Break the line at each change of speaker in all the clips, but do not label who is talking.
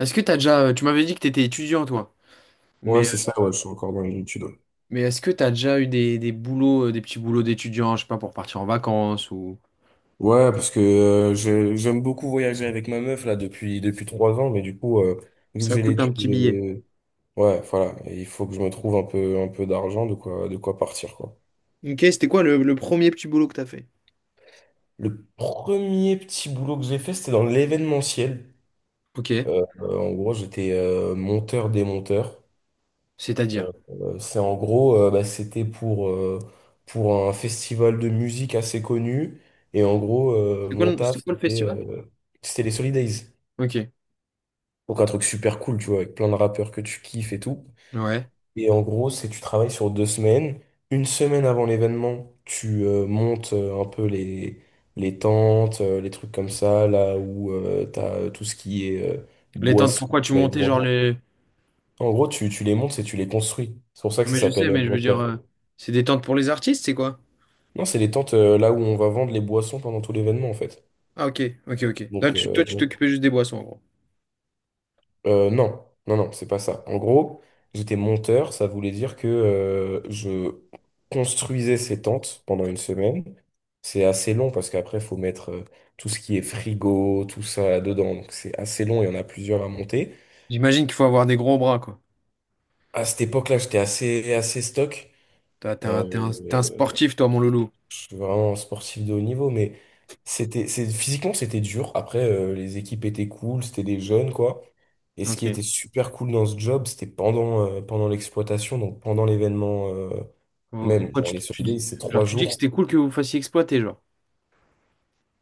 Est-ce que t'as déjà, tu m'avais dit que t'étais étudiant toi,
Ouais,
mais,
c'est ça, ouais, je suis encore dans les études. Ouais,
mais est-ce que t'as déjà eu des boulots, des petits boulots d'étudiant, je sais pas, pour partir en vacances ou...
ouais, parce que j'ai- j'aime beaucoup voyager avec ma meuf là depuis trois ans, mais du coup, vu que
Ça
j'ai
coûte un
l'étude,
petit billet.
ouais, voilà, il faut que je me trouve un peu d'argent, de quoi partir quoi.
Ok, c'était quoi le premier petit boulot que t'as fait?
Le premier petit boulot que j'ai fait, c'était dans l'événementiel.
Ok,
En gros, j'étais monteur démonteur.
c'est-à-dire.
C'est en gros, bah, c'était pour un festival de musique assez connu, et en gros,
C'était quoi,
mon
c'était
taf,
quoi le
c'était
festival?
c'était les Solidays.
Ok,
Donc un truc super cool, tu vois, avec plein de rappeurs que tu kiffes et tout.
ouais.
Et en gros, c'est tu travailles sur deux semaines. Une semaine avant l'événement, tu montes un peu les tentes, les trucs comme ça, là où t'as tout ce qui est
Les tentes,
boisson
pourquoi
qui
tu
va être
montais genre
vendu.
les...
En gros, tu les montes et tu les construis. C'est pour ça que
Non,
ça
mais je
s'appelle
sais, mais je veux dire,
monteur.
c'est des tentes pour les artistes, c'est quoi?
Non, c'est les tentes là où on va vendre les boissons pendant tout l'événement, en fait.
Ah ok, ok, ok. Là,
Donc,
toi,
euh,
tu
donc
t'occupais juste des boissons en gros.
Non, non, non, c'est pas ça. En gros, j'étais monteur, ça voulait dire que je construisais ces tentes pendant une semaine. C'est assez long parce qu'après, il faut mettre tout ce qui est frigo, tout ça dedans. Donc c'est assez long, il y en a plusieurs à monter.
J'imagine qu'il faut avoir des gros bras quoi.
À cette époque-là, j'étais assez stock.
T'es un
Euh,
sportif toi, mon loulou.
je suis vraiment un sportif de haut niveau, mais c'est, physiquement, c'était dur. Après, les équipes étaient cool, c'était des jeunes, quoi. Et ce qui était
Ok.
super cool dans ce job, c'était pendant l'exploitation, donc pendant l'événement même.
Pourquoi
Genre, les
tu
Solid Days,
dis,
c'est
genre,
trois
tu dis que
jours.
c'était cool que vous fassiez exploiter, genre.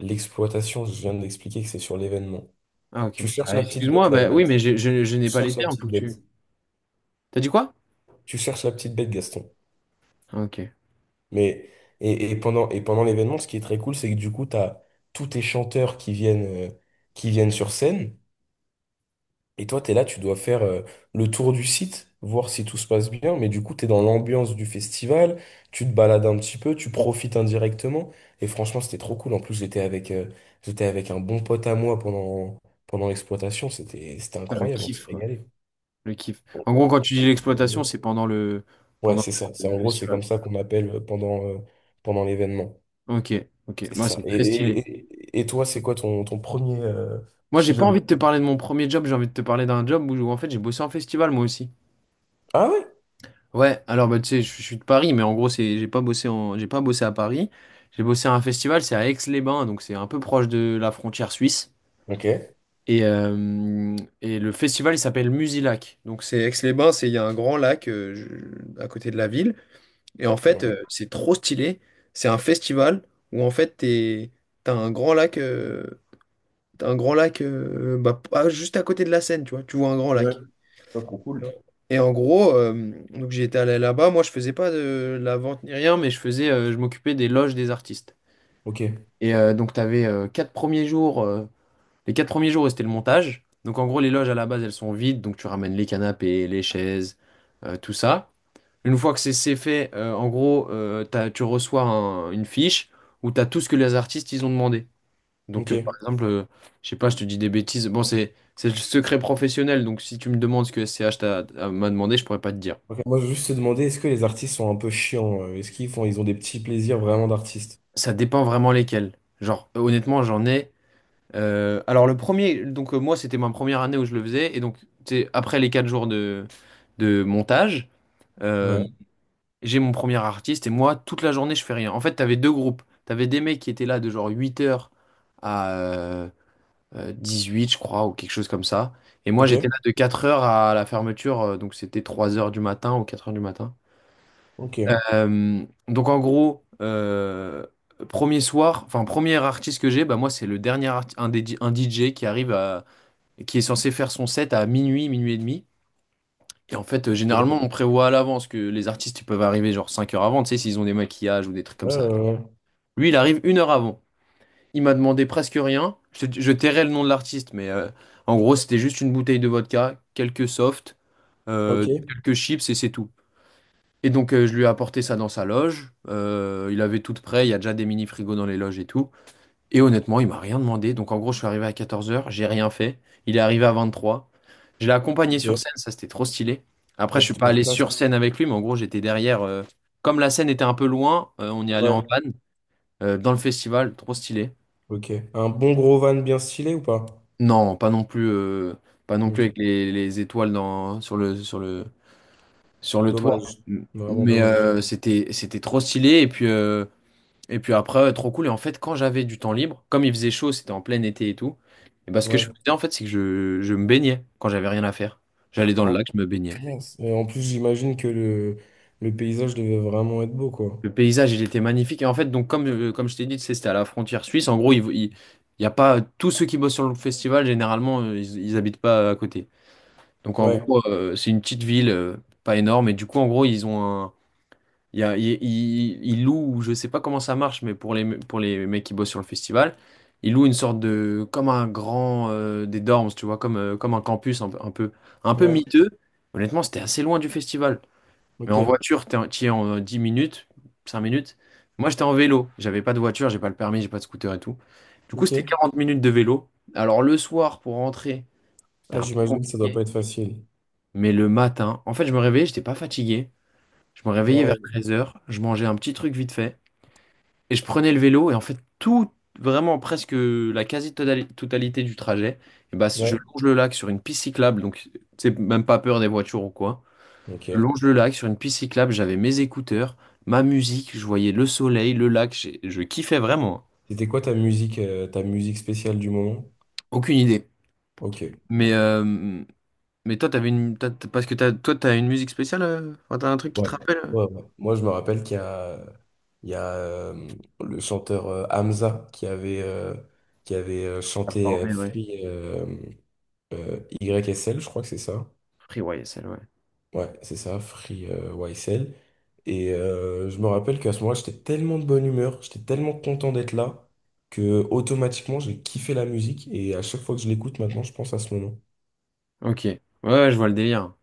L'exploitation, je viens de l'expliquer que c'est sur l'événement.
Ah, ok.
Tu cherches
Ah,
la petite bête
excuse-moi,
là,
bah oui,
Elias.
mais je
Tu
n'ai pas les
cherches la
termes, faut
petite
que
bête.
tu... T'as dit quoi?
Tu cherches la petite bête, Gaston.
Ah, ok.
Mais, et pendant l'événement, ce qui est très cool, c'est que du coup, tu as tous tes chanteurs qui viennent sur scène. Et toi, t'es là, tu dois faire le tour du site, voir si tout se passe bien, mais du coup, t'es dans l'ambiance du festival, tu te balades un petit peu, tu profites indirectement, et franchement, c'était trop cool. En plus, j'étais avec un bon pote à moi pendant l'exploitation, c'était
Putain, le
incroyable, on s'est
kiff, quoi.
régalé.
Le kiff.
On-
En gros,
on
quand
s'est
tu dis l'exploitation,
régalé.
c'est
Ouais,
pendant
c'est ça, c'est
le
en gros, c'est
festival.
comme ça qu'on m'appelle pendant l'événement.
Ok, ok.
C'est
Moi,
ça.
c'est
Et,
très
et,
stylé.
et- et toi, c'est quoi ton, ton premier
Moi, j'ai
petit
pas
job?
envie de te parler de mon premier job, j'ai envie de te parler d'un job où, en fait, j'ai bossé en festival, moi aussi.
Ah ouais?
Ouais, alors, bah, tu sais, je suis de Paris, mais en gros, c'est, j'ai pas bossé à Paris. J'ai bossé à un festival, c'est à Aix-les-Bains, donc c'est un peu proche de la frontière suisse.
Ok.
Et, euh, et le festival, il s'appelle Musilac. Donc, c'est Aix-les-Bains, c'est, il y a un grand lac à côté de la ville. Et en fait,
Ouais.
c'est trop stylé. C'est un festival où, en fait, t'es, t'as un grand lac, bah, pas juste à côté de la Seine, tu vois. Tu vois un grand
Ouais,
lac.
pas trop cool.
Et en gros, donc j'ai été allé là-bas. Moi, je faisais pas de la vente ni rien, mais je faisais, je m'occupais des loges des artistes.
Ok,
Et donc, tu avais 4 premiers jours. Les 4 premiers jours, c'était le montage. Donc en gros, les loges à la base, elles sont vides, donc tu ramènes les canapés, les chaises, tout ça. Une fois que c'est fait, en gros, tu reçois une fiche où tu as tout ce que les artistes, ils ont demandé. Donc
ok.
par exemple, je sais pas, je te dis des bêtises. Bon, c'est le secret professionnel, donc si tu me demandes ce que SCH m'a demandé, je pourrais pas te dire.
Ok, moi, je veux juste te demander, est-ce que les artistes sont un peu chiants? Est-ce qu'ils font, ils ont des petits plaisirs vraiment d'artistes?
Ça dépend vraiment lesquels. Genre, honnêtement, j'en ai. Alors le premier, donc moi c'était ma première année où je le faisais et donc tu sais, après les 4 jours de montage, euh,
Ouais.
j'ai mon premier artiste et moi toute la journée je fais rien. En fait t'avais deux groupes, t'avais des mecs qui étaient là de genre 8 heures à 18 je crois ou quelque chose comme ça, et moi j'étais
Ok.
là de 4 heures à la fermeture, donc c'était 3 heures du matin ou 4 heures du matin.
Ok.
Donc en gros, premier soir, enfin premier artiste que j'ai, bah moi c'est le dernier un DJ qui arrive à qui est censé faire son set à minuit, minuit et demi. Et en fait, généralement,
Ok.
on prévoit à l'avance que les artistes ils peuvent arriver genre 5 heures avant, tu sais, s'ils ont des maquillages ou des trucs comme
Ouais,
ça.
ouais, ouais.
Lui, il arrive 1 heure avant. Il m'a demandé presque rien. Je tairai le nom de l'artiste, mais en gros, c'était juste une bouteille de vodka, quelques softs,
Ok.
quelques chips et c'est tout. Et donc, je lui ai apporté ça dans sa loge. Il avait tout prêt, il y a déjà des mini-frigos dans les loges et tout. Et honnêtement, il m'a rien demandé. Donc en gros, je suis arrivé à 14 heures, j'ai rien fait. Il est arrivé à 23. Je l'ai accompagné sur
Ok.
scène, ça c'était trop stylé. Après,
Oh
je suis
putain,
pas
la
allé sur
classe.
scène avec lui, mais en gros, j'étais derrière. Comme la scène était un peu loin, on y allait en
Ouais.
van dans le festival, trop stylé.
Ok. Un bon gros van bien stylé ou pas?
Non, pas non plus, pas non plus
Ok.
avec les étoiles dans, sur le toit.
Dommage. Vraiment
Mais
dommage.
c'était, c'était trop stylé. Et puis, et puis après, trop cool. Et en fait, quand j'avais du temps libre, comme il faisait chaud, c'était en plein été et tout, et bah, ce que je
Ouais.
faisais en fait, c'est que je me baignais quand j'avais rien à faire. J'allais dans le
Oh,
lac, je me baignais.
classe. Et en plus, j'imagine que le paysage devait vraiment être beau, quoi.
Le paysage, il était magnifique. Et en fait, donc comme, comme je t'ai dit, tu sais, c'était à la frontière suisse. En gros, il y a pas tous ceux qui bossent sur le festival, généralement, ils habitent pas à côté. Donc en
Ouais.
gros, c'est une petite ville, pas énorme. Et du coup, en gros, ils ont. Il, y a- il- Il loue, je sais pas comment ça marche, mais pour les, me- pour les mecs qui bossent sur le festival, il loue une sorte de, comme un grand, des dorms, tu vois, comme, comme un campus un, peu, un peu un peu
Ouais.
miteux. Honnêtement, c'était assez loin du festival. Mais
Ok.
en voiture, t'y es en 10 minutes, 5 minutes. Moi, j'étais en vélo. J'avais pas de voiture, j'ai pas le permis, j'ai pas de scooter et tout. Du coup, c'était
Ok.
40 minutes de vélo. Alors, le soir, pour rentrer, c'était
Ah,
un peu
j'imagine que ça doit pas
compliqué.
être facile.
Mais le matin, en fait, je me réveillais, j'étais pas fatigué. Je me réveillais vers
Ouais.
13 heures, je mangeais un petit truc vite fait. Et je prenais le vélo et en fait tout, vraiment presque la quasi-totalité du trajet, et bah, je
Ouais.
longe le lac sur une piste cyclable, donc c'est même pas peur des voitures ou quoi. Je
Ok.
longe le lac sur une piste cyclable, j'avais mes écouteurs, ma musique, je voyais le soleil, le lac, je kiffais vraiment.
C'était quoi ta musique spéciale du moment?
Aucune idée.
Ok,
Mais,
bon.
euh, mais toi, t'avais une, parce que t'as, toi, t'as une musique spéciale, enfin, t'as un truc qui
Ouais.
te rappelle?
Ouais, ouais. Moi, je me rappelle qu'il y a le chanteur Hamza qui avait chanté euh,
Performer, ouais.
Free euh, euh, YSL, je crois que c'est ça.
Free celle ouais.
Ouais, c'est ça, Free YSL. Et je me rappelle qu'à ce moment-là, j'étais tellement de bonne humeur, j'étais tellement content d'être là, que automatiquement, j'ai kiffé la musique. Et à chaque fois que je l'écoute maintenant, je pense à ce moment.
Ok. Ouais, ouais, je vois le délire.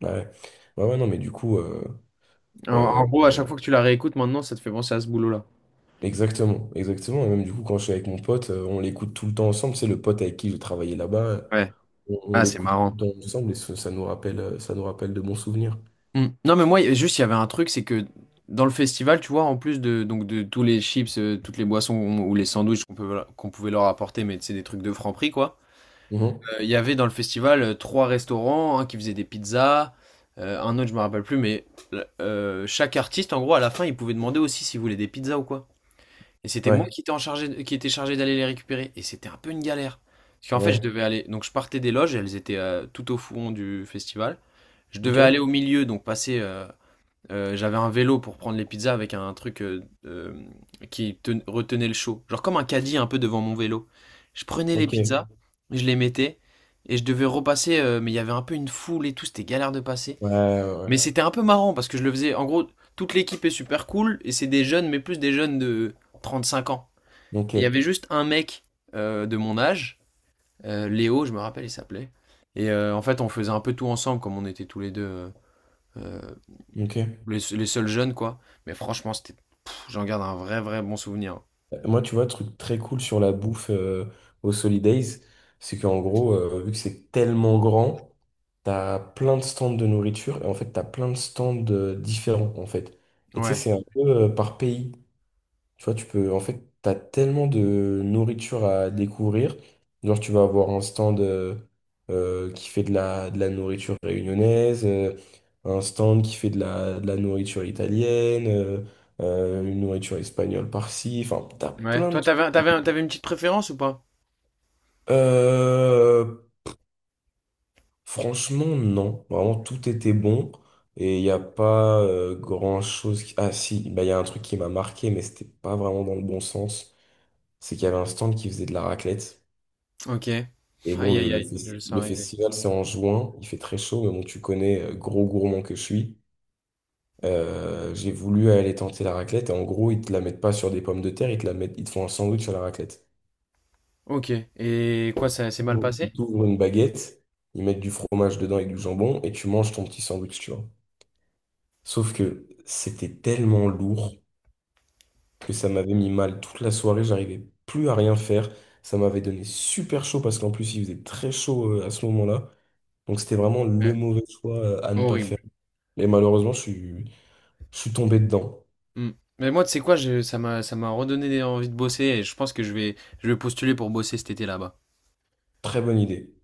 Ouais, ouais, ouais, non, mais du coup.
En
euh,
gros, à chaque fois que tu la réécoutes maintenant, ça te fait penser à ce boulot-là.
Exactement, exactement. Et même du coup, quand je suis avec mon pote, on l'écoute tout le temps ensemble. C'est le pote avec qui je travaillais là-bas.
Ouais.
On
Ah, c'est
l'écoute tout le
marrant.
temps ensemble et ça, ça nous rappelle de bons souvenirs.
Hmm. Non, mais moi, juste, il y avait un truc, c'est que dans le festival, tu vois, en plus de, donc, de tous les chips, toutes les boissons ou les sandwichs qu'on peut, qu'on pouvait leur apporter, mais c'est des trucs de Franprix, quoi.
Mhm.
Il y avait dans le festival trois restaurants, un qui faisait des pizzas, un autre, je me rappelle plus, mais chaque artiste, en gros, à la fin, il pouvait demander aussi s'il voulait des pizzas ou quoi. Et c'était moi
Ouais,
qui étais en chargé de- qui était chargé d'aller les récupérer. Et c'était un peu une galère. Parce qu'en fait, je
ouais.
devais aller. Donc, je partais des loges, elles étaient tout au fond du festival. Je
Ok,
devais aller au milieu, donc passer. J'avais un vélo pour prendre les pizzas avec un truc retenait le chaud. Genre comme un caddie un peu devant mon vélo. Je prenais les
ok. Ouais,
pizzas, je les mettais, et je devais repasser. Mais il y avait un peu une foule et tout, c'était galère de passer.
ouais. Ouais.
Mais c'était un peu marrant parce que je le faisais. En gros, toute l'équipe est super cool, et c'est des jeunes, mais plus des jeunes de 35 ans.
Ok,
Il y avait juste un mec de mon âge, Léo, je me rappelle, il s'appelait. Et en fait, on faisait un peu tout ensemble, comme on était tous les deux euh,
ok.
les seuls jeunes, quoi. Mais franchement, c'était, pff, j'en garde un vrai, vrai bon souvenir.
Moi, tu vois, truc très cool sur la bouffe au Solidays, c'est qu'en gros, vu que c'est tellement grand, t'as plein de stands de nourriture et en fait, t'as plein de stands différents en fait. Et tu sais,
Ouais,
c'est un peu par pays. Tu vois, tu peux, en fait, t'as tellement de nourriture à découvrir. Genre, tu vas avoir un stand qui fait de la nourriture réunionnaise, un stand qui fait de la nourriture italienne, une nourriture espagnole par-ci. Enfin, t'as
ouais.
plein de
Toi,
trucs.
t'avais une petite préférence ou pas?
Euh, Franchement, non. Vraiment, tout était bon. Et il n'y a pas grand-chose. Ah, si, bah, il y a un truc qui m'a marqué, mais c'était pas vraiment dans le bon sens. C'est qu'il y avait un stand qui faisait de la raclette.
Ok.
Et bon,
Aïe, aïe, aïe, je le sens
le
arriver.
festival, c'est en juin, il fait très chaud, mais bon, tu connais, gros gourmand que je suis. J'ai voulu aller tenter la raclette, et en gros, ils te la mettent pas sur des pommes de terre, ils te la mettent, ils te font un sandwich sur la raclette.
Ok. Et quoi, ça s'est mal
Bon. Ils
passé?
t'ouvrent une baguette, ils mettent du fromage dedans avec du jambon, et tu manges ton petit sandwich, tu vois. Sauf que c'était tellement lourd que ça m'avait mis mal toute la soirée, j'arrivais plus à rien faire. Ça m'avait donné super chaud parce qu'en plus, il faisait très chaud à ce moment-là. Donc c'était vraiment le
Ouais.
mauvais choix à ne pas faire.
Horrible.
Et malheureusement, je suis tombé dedans.
Hmm. Mais moi, tu sais quoi, ça m'a redonné envie de bosser et je pense que je vais postuler pour bosser cet été là-bas.
Très bonne idée.